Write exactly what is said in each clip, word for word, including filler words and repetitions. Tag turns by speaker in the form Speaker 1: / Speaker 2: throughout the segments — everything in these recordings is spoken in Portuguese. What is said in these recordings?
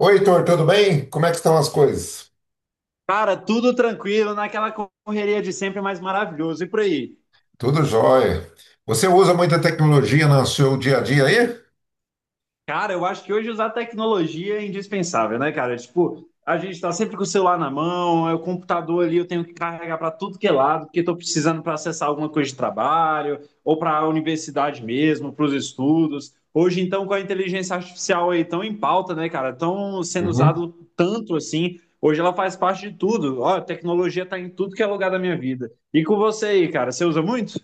Speaker 1: Oi, Heitor, tudo bem? Como é que estão as coisas?
Speaker 2: Cara, tudo tranquilo, naquela correria de sempre, mais maravilhoso. E por aí?
Speaker 1: Tudo jóia. Você usa muita tecnologia no seu dia a dia aí?
Speaker 2: Cara, eu acho que hoje usar tecnologia é indispensável, né, cara? Tipo, a gente tá sempre com o celular na mão, é o computador ali, eu tenho que carregar para tudo que é lado, porque tô precisando para acessar alguma coisa de trabalho, ou para a universidade mesmo, para os estudos. Hoje, então, com a inteligência artificial aí tão em pauta, né, cara? Tão sendo
Speaker 1: Uhum.
Speaker 2: usado tanto assim. Hoje ela faz parte de tudo. Ó, a tecnologia tá em tudo que é lugar da minha vida. E com você aí, cara, você usa muito?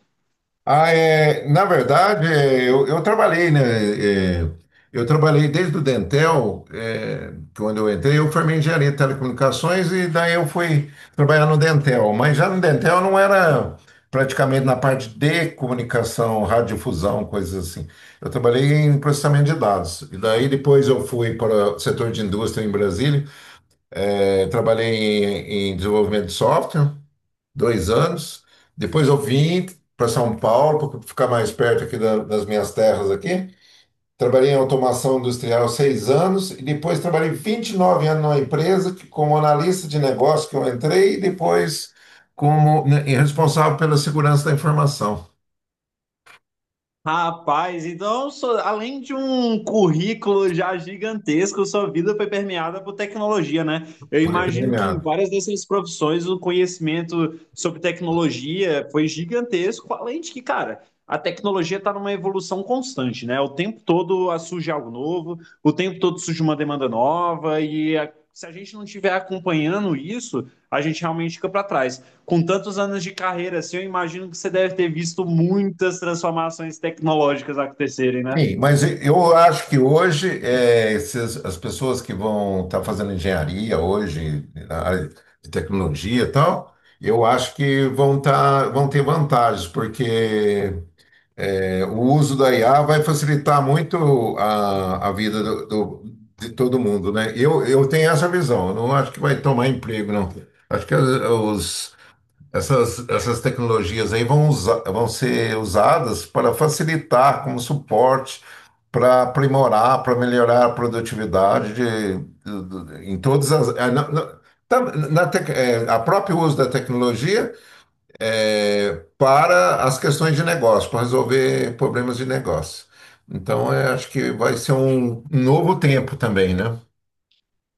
Speaker 1: Ah, é, na verdade, é, eu, eu trabalhei, né? é, eu trabalhei desde o Dentel, é, quando eu entrei, eu formei em engenharia de telecomunicações e daí eu fui trabalhar no Dentel. Mas já no Dentel não era praticamente na parte de comunicação, radiodifusão, coisas assim. Eu trabalhei em processamento de dados. E daí depois eu fui para o setor de indústria em Brasília, é, trabalhei em, em desenvolvimento de software dois anos. Depois eu vim para São Paulo, para ficar mais perto aqui da- das minhas terras aqui. Trabalhei em automação industrial seis anos e depois trabalhei vinte e nove anos numa empresa que, como analista de negócio que eu entrei e depois como, né, responsável pela segurança da informação.
Speaker 2: Rapaz, então, so- além de um currículo já gigantesco, sua vida foi permeada por tecnologia, né? Eu
Speaker 1: Foi
Speaker 2: imagino que em
Speaker 1: terminado.
Speaker 2: várias dessas profissões o conhecimento sobre tecnologia foi gigantesco, além de que, cara, a tecnologia está numa evolução constante, né? O tempo todo ah, surge algo novo, o tempo todo surge uma demanda nova, e a- se a gente não estiver acompanhando isso, a gente realmente fica para trás. Com tantos anos de carreira assim, eu imagino que você deve ter visto muitas transformações tecnológicas acontecerem, né?
Speaker 1: Sim, mas eu acho que hoje eh, esses- as pessoas que vão estar fazendo engenharia hoje, na área de tecnologia e tal, eu acho que vão, tá, vão ter vantagens, porque eh, o uso da I A vai facilitar muito a, a vida do- do- de todo mundo, né? Eu, eu tenho essa visão, eu não acho que vai tomar emprego, não. Acho que os, essas, essas tecnologias aí vão usa- vão ser usadas para facilitar como suporte, para aprimorar, para melhorar a produtividade de, do- do- em todas as. É, Na, na, tá- na tec- é, a próprio uso da tecnologia é, para as questões de negócio, para resolver problemas de negócio. Então, eu acho que vai ser um novo tempo também, né?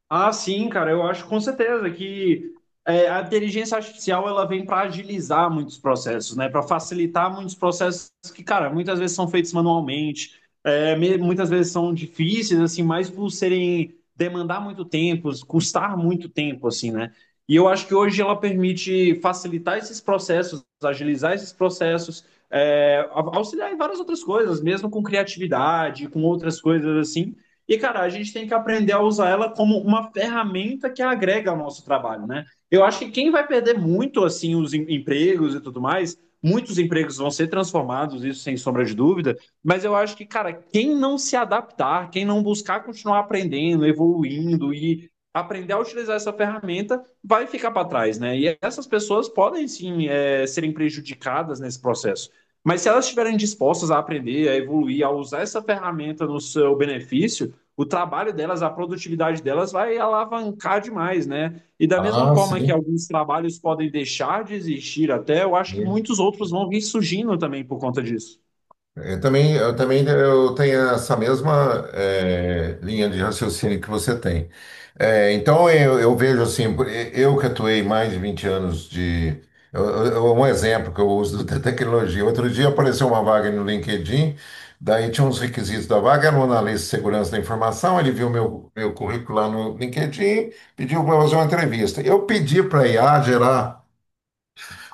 Speaker 2: Ah, sim, cara, eu acho com certeza que é, a inteligência artificial ela vem para agilizar muitos processos, né? Para facilitar muitos processos que, cara, muitas vezes são feitos manualmente, é, me- muitas vezes são difíceis, assim, mas por serem demandar muito tempo, custar muito tempo, assim, né? E eu acho que hoje ela permite facilitar esses processos, agilizar esses processos, é, au- auxiliar em várias outras coisas, mesmo com criatividade, com outras coisas assim. E, cara, a gente tem que aprender a usar ela como uma ferramenta que agrega ao nosso trabalho, né? Eu acho que quem vai perder muito, assim, os em- empregos e tudo mais, muitos empregos vão ser transformados, isso sem sombra de dúvida, mas eu acho que, cara, quem não se adaptar, quem não buscar continuar aprendendo, evoluindo e aprender a utilizar essa ferramenta, vai ficar para trás, né? E essas pessoas podem, sim, é, serem prejudicadas nesse processo. Mas se elas estiverem dispostas a aprender, a evoluir, a usar essa ferramenta no seu benefício, o trabalho delas, a produtividade delas vai alavancar demais, né? E da mesma
Speaker 1: Ah,
Speaker 2: forma que
Speaker 1: sim.
Speaker 2: alguns trabalhos podem deixar de existir até, eu acho que
Speaker 1: Sim.
Speaker 2: muitos outros vão vir surgindo também por conta disso.
Speaker 1: Eu também, eu também eu tenho essa mesma eh, linha de raciocínio que você tem. Eh, então eu, eu vejo assim, por- eu que atuei mais de vinte anos de. eu- eu- Um exemplo que eu uso da tecnologia. Outro dia apareceu uma vaga no LinkedIn, daí tinha uns requisitos da vaga, era um analista de segurança da informação, ele viu meu, meu currículo lá no LinkedIn, pediu para fazer uma entrevista. Eu pedi para a I A gerar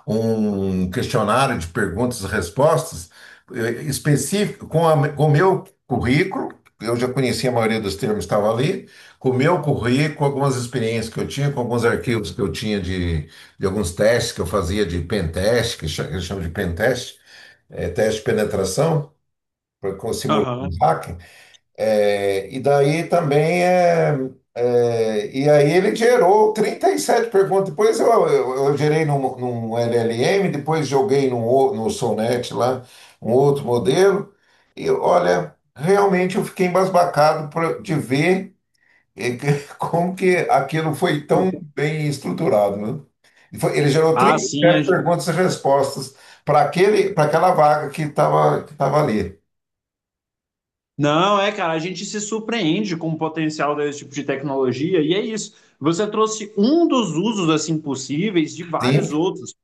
Speaker 1: um questionário de perguntas e respostas eh, específico com, a- com o meu currículo. Eu já conhecia a maioria dos termos que estavam ali, com o meu currículo, algumas experiências que eu tinha, com alguns arquivos que eu tinha de, de alguns testes que eu fazia de pentest, que cha- que eles chamam de pentest, eh, teste de penetração, para simular um
Speaker 2: Aham.
Speaker 1: hack. É, e daí também é, é, e aí ele gerou trinta e sete perguntas. Depois eu, eu, eu gerei num, num L L M, depois joguei num, ou- no Sonnet lá, um outro modelo. E olha, realmente eu fiquei embasbacado por- de ver eh, que- como que aquilo foi tão bem estruturado, né? E foi- Ele gerou
Speaker 2: Ah, sim. a
Speaker 1: trinta e sete
Speaker 2: gen-
Speaker 1: perguntas e respostas para aquele, para aquela vaga que estava que tava ali.
Speaker 2: Não, é, cara, a gente se surpreende com o potencial desse tipo de tecnologia, e é isso. Você trouxe um dos usos, assim, possíveis de
Speaker 1: Sim.
Speaker 2: vários outros.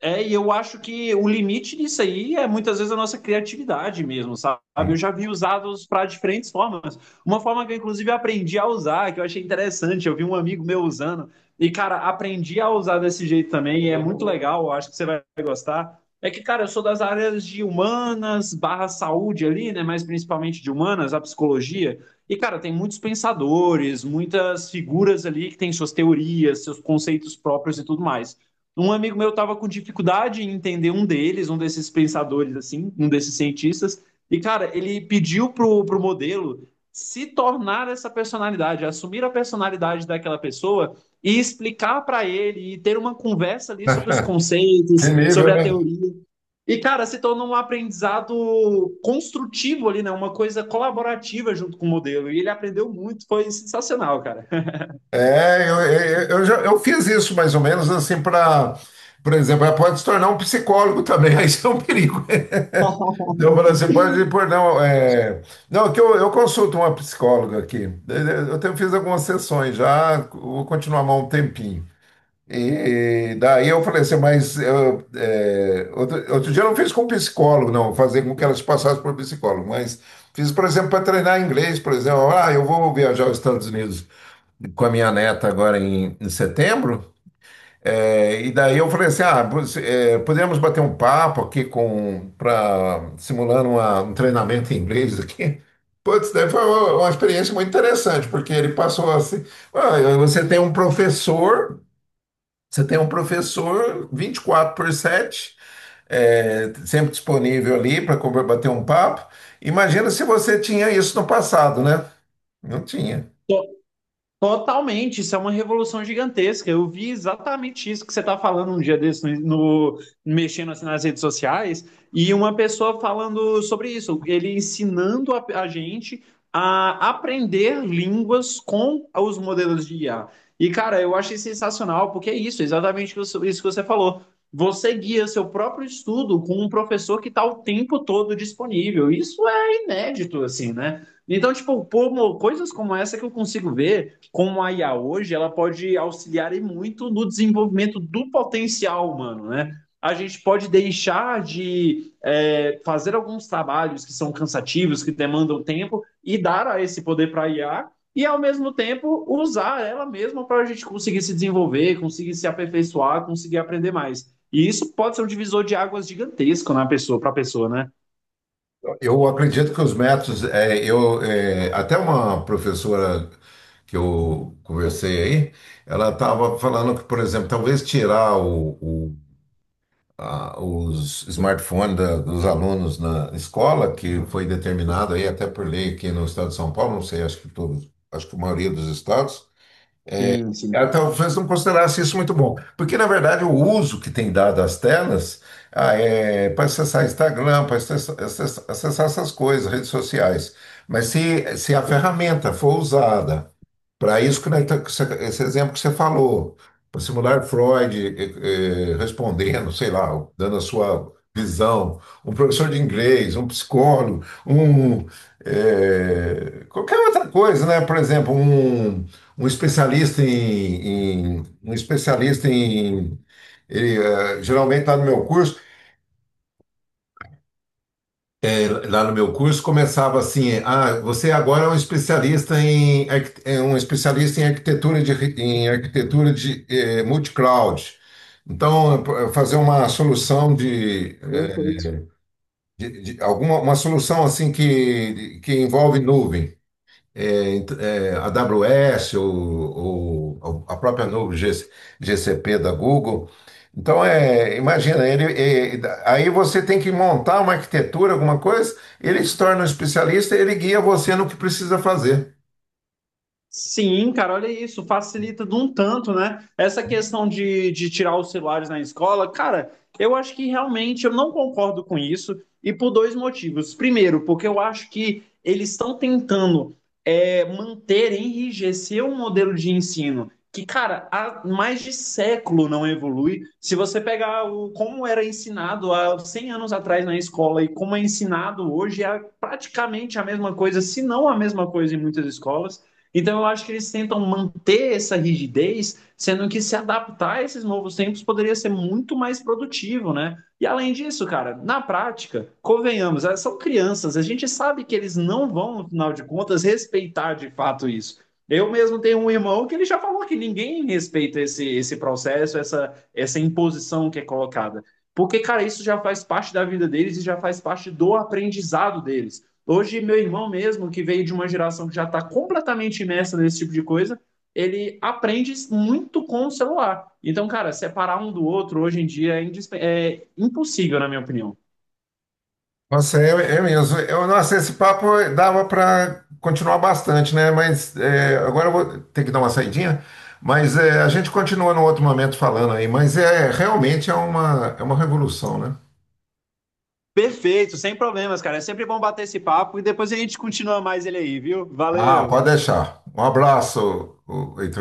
Speaker 2: É, e eu acho que o limite disso aí é muitas vezes a nossa criatividade mesmo, sabe? Eu
Speaker 1: Sim.
Speaker 2: já vi usados para diferentes formas. Uma forma que eu, inclusive, aprendi a usar, que eu achei interessante, eu vi um amigo meu usando, e, cara, aprendi a usar desse jeito também, e é muito legal, eu acho que você vai gostar. É que, cara, eu sou das áreas de humanas, barra saúde ali, né? Mas principalmente de humanas, a psicologia. E, cara, tem muitos pensadores, muitas figuras ali que têm suas teorias, seus conceitos próprios e tudo mais. Um amigo meu estava com dificuldade em entender um deles, um desses pensadores, assim, um desses cientistas. E, cara, ele pediu pro, pro modelo se tornar essa personalidade, assumir a personalidade daquela pessoa e explicar para ele e ter uma conversa ali sobre os
Speaker 1: Que
Speaker 2: conceitos, sobre
Speaker 1: nível,
Speaker 2: a
Speaker 1: né?
Speaker 2: teoria. E, cara, se tornou um aprendizado construtivo ali, né? Uma coisa colaborativa junto com o modelo. E ele aprendeu muito, foi sensacional, cara.
Speaker 1: É, eu, eu, eu já, eu fiz isso mais ou menos assim para, por exemplo, ela pode se tornar um psicólogo também, aí isso é um perigo. Então, eu assim, pode pôr, não, é, não, que eu, eu consulto uma psicóloga aqui. Eu tenho, fiz algumas sessões já, vou continuar mais um tempinho. E daí eu falei assim, mas eu, é, outro, outro dia eu não fiz com psicólogo, não, fazer com que elas passassem por psicólogo, mas fiz, por exemplo, para treinar inglês, por exemplo, ah, eu vou viajar aos Estados Unidos com a minha neta agora em, em setembro. É, e daí eu falei assim, ah, você- é, poderíamos bater um papo aqui com para simulando uma- um treinamento em inglês aqui. Putz, daí foi uma, uma experiência muito interessante, porque ele passou assim: "Ah, você tem um professor, você tem um professor vinte e quatro por sete é, sempre disponível ali para bater um papo. Imagina se você tinha isso no passado, né? Não tinha."
Speaker 2: Totalmente, isso é uma revolução gigantesca. Eu vi exatamente isso que você está falando um dia desse, no, no- mexendo assim nas redes sociais, e uma pessoa falando sobre isso, ele ensinando a, a gente a aprender línguas com os modelos de I A. E, cara, eu achei sensacional, porque é isso, exatamente isso isso que você falou. Você guia seu próprio estudo com um professor que está o tempo todo disponível. Isso é inédito, assim, né? Então, tipo, pô, mo- coisas como essa que eu consigo ver como a I A hoje, ela pode auxiliar muito no desenvolvimento do potencial humano, né? A gente pode deixar de é, fazer alguns trabalhos que são cansativos, que demandam tempo, e dar a esse poder para a I A, e ao mesmo tempo usar ela mesma para a gente conseguir se desenvolver, conseguir se aperfeiçoar, conseguir aprender mais. E isso pode ser um divisor de águas gigantesco na pessoa, para a pessoa, né?
Speaker 1: Eu acredito que os métodos, é, eu, é, até uma professora que eu conversei aí, ela estava falando que, por exemplo, talvez tirar o- o- a- os smartphones da- dos alunos na escola, que foi determinado aí até por lei aqui no estado de São Paulo, não sei, acho que todos, acho que a maioria dos estados,
Speaker 2: Sim, sim.
Speaker 1: ela talvez não considerasse isso muito bom. Porque, na verdade, o uso que tem dado às telas ah, é para acessar Instagram, para acessar, acessar- essas coisas, redes sociais. Mas se, se a ferramenta for usada para isso que nós tá- que você- esse exemplo que você falou, para simular Freud eh, eh, respondendo, sei lá, dando a sua visão, um professor de inglês, um psicólogo, um eh, qualquer outra coisa, né? Por exemplo, um, um especialista em, em- um especialista em ele, eh, geralmente está no meu curso lá no meu curso começava assim: ah, você agora é um especialista em arqui- é um especialista em arquitetura de re- em arquitetura de eh, multi-cloud. Então, eh, fazer uma solução de,
Speaker 2: Perfeito.
Speaker 1: de- de- alguma uma solução assim que que envolve nuvem é, ent- é, a AWS ou, ou a própria nuvem G- GCP da Google. Então, é, imagina, ele, é, aí você tem que montar uma arquitetura, alguma coisa, ele se torna um especialista, ele guia você no que precisa fazer.
Speaker 2: Sim, cara, olha isso, facilita de um tanto, né? Essa questão de, de tirar os celulares na escola, cara, eu acho que realmente eu não concordo com isso, e por dois motivos. Primeiro, porque eu acho que eles estão tentando é, manter, enrijecer um modelo de ensino que, cara, há mais de século não evolui. Se você pegar o, como era ensinado há cem anos atrás na escola e como é ensinado hoje, é praticamente a mesma coisa, se não a mesma coisa em muitas escolas. Então eu acho que eles tentam manter essa rigidez, sendo que se adaptar a esses novos tempos poderia ser muito mais produtivo, né? E além disso, cara, na prática, convenhamos, elas são crianças, a gente sabe que eles não vão, no final de contas, respeitar de fato isso. Eu mesmo tenho um irmão que ele já falou que ninguém respeita esse, esse processo, essa, essa imposição que é colocada. Porque, cara, isso já faz parte da vida deles e já faz parte do aprendizado deles. Hoje, meu irmão mesmo, que veio de uma geração que já está completamente imersa nesse tipo de coisa, ele aprende muito com o celular. Então, cara, separar um do outro hoje em dia é, indisp... é impossível, na minha opinião.
Speaker 1: Nossa, é, é mesmo. Eu, nossa, esse papo dava para continuar bastante, né? Mas é, agora eu vou ter que dar uma saidinha. Mas é, a gente continua num outro momento falando aí. Mas é realmente é uma, é uma revolução, né?
Speaker 2: Perfeito, sem problemas, cara. É sempre bom bater esse papo e depois a gente continua mais ele aí, viu?
Speaker 1: Ah,
Speaker 2: Valeu!
Speaker 1: pode deixar. Um abraço, o- o Heitor.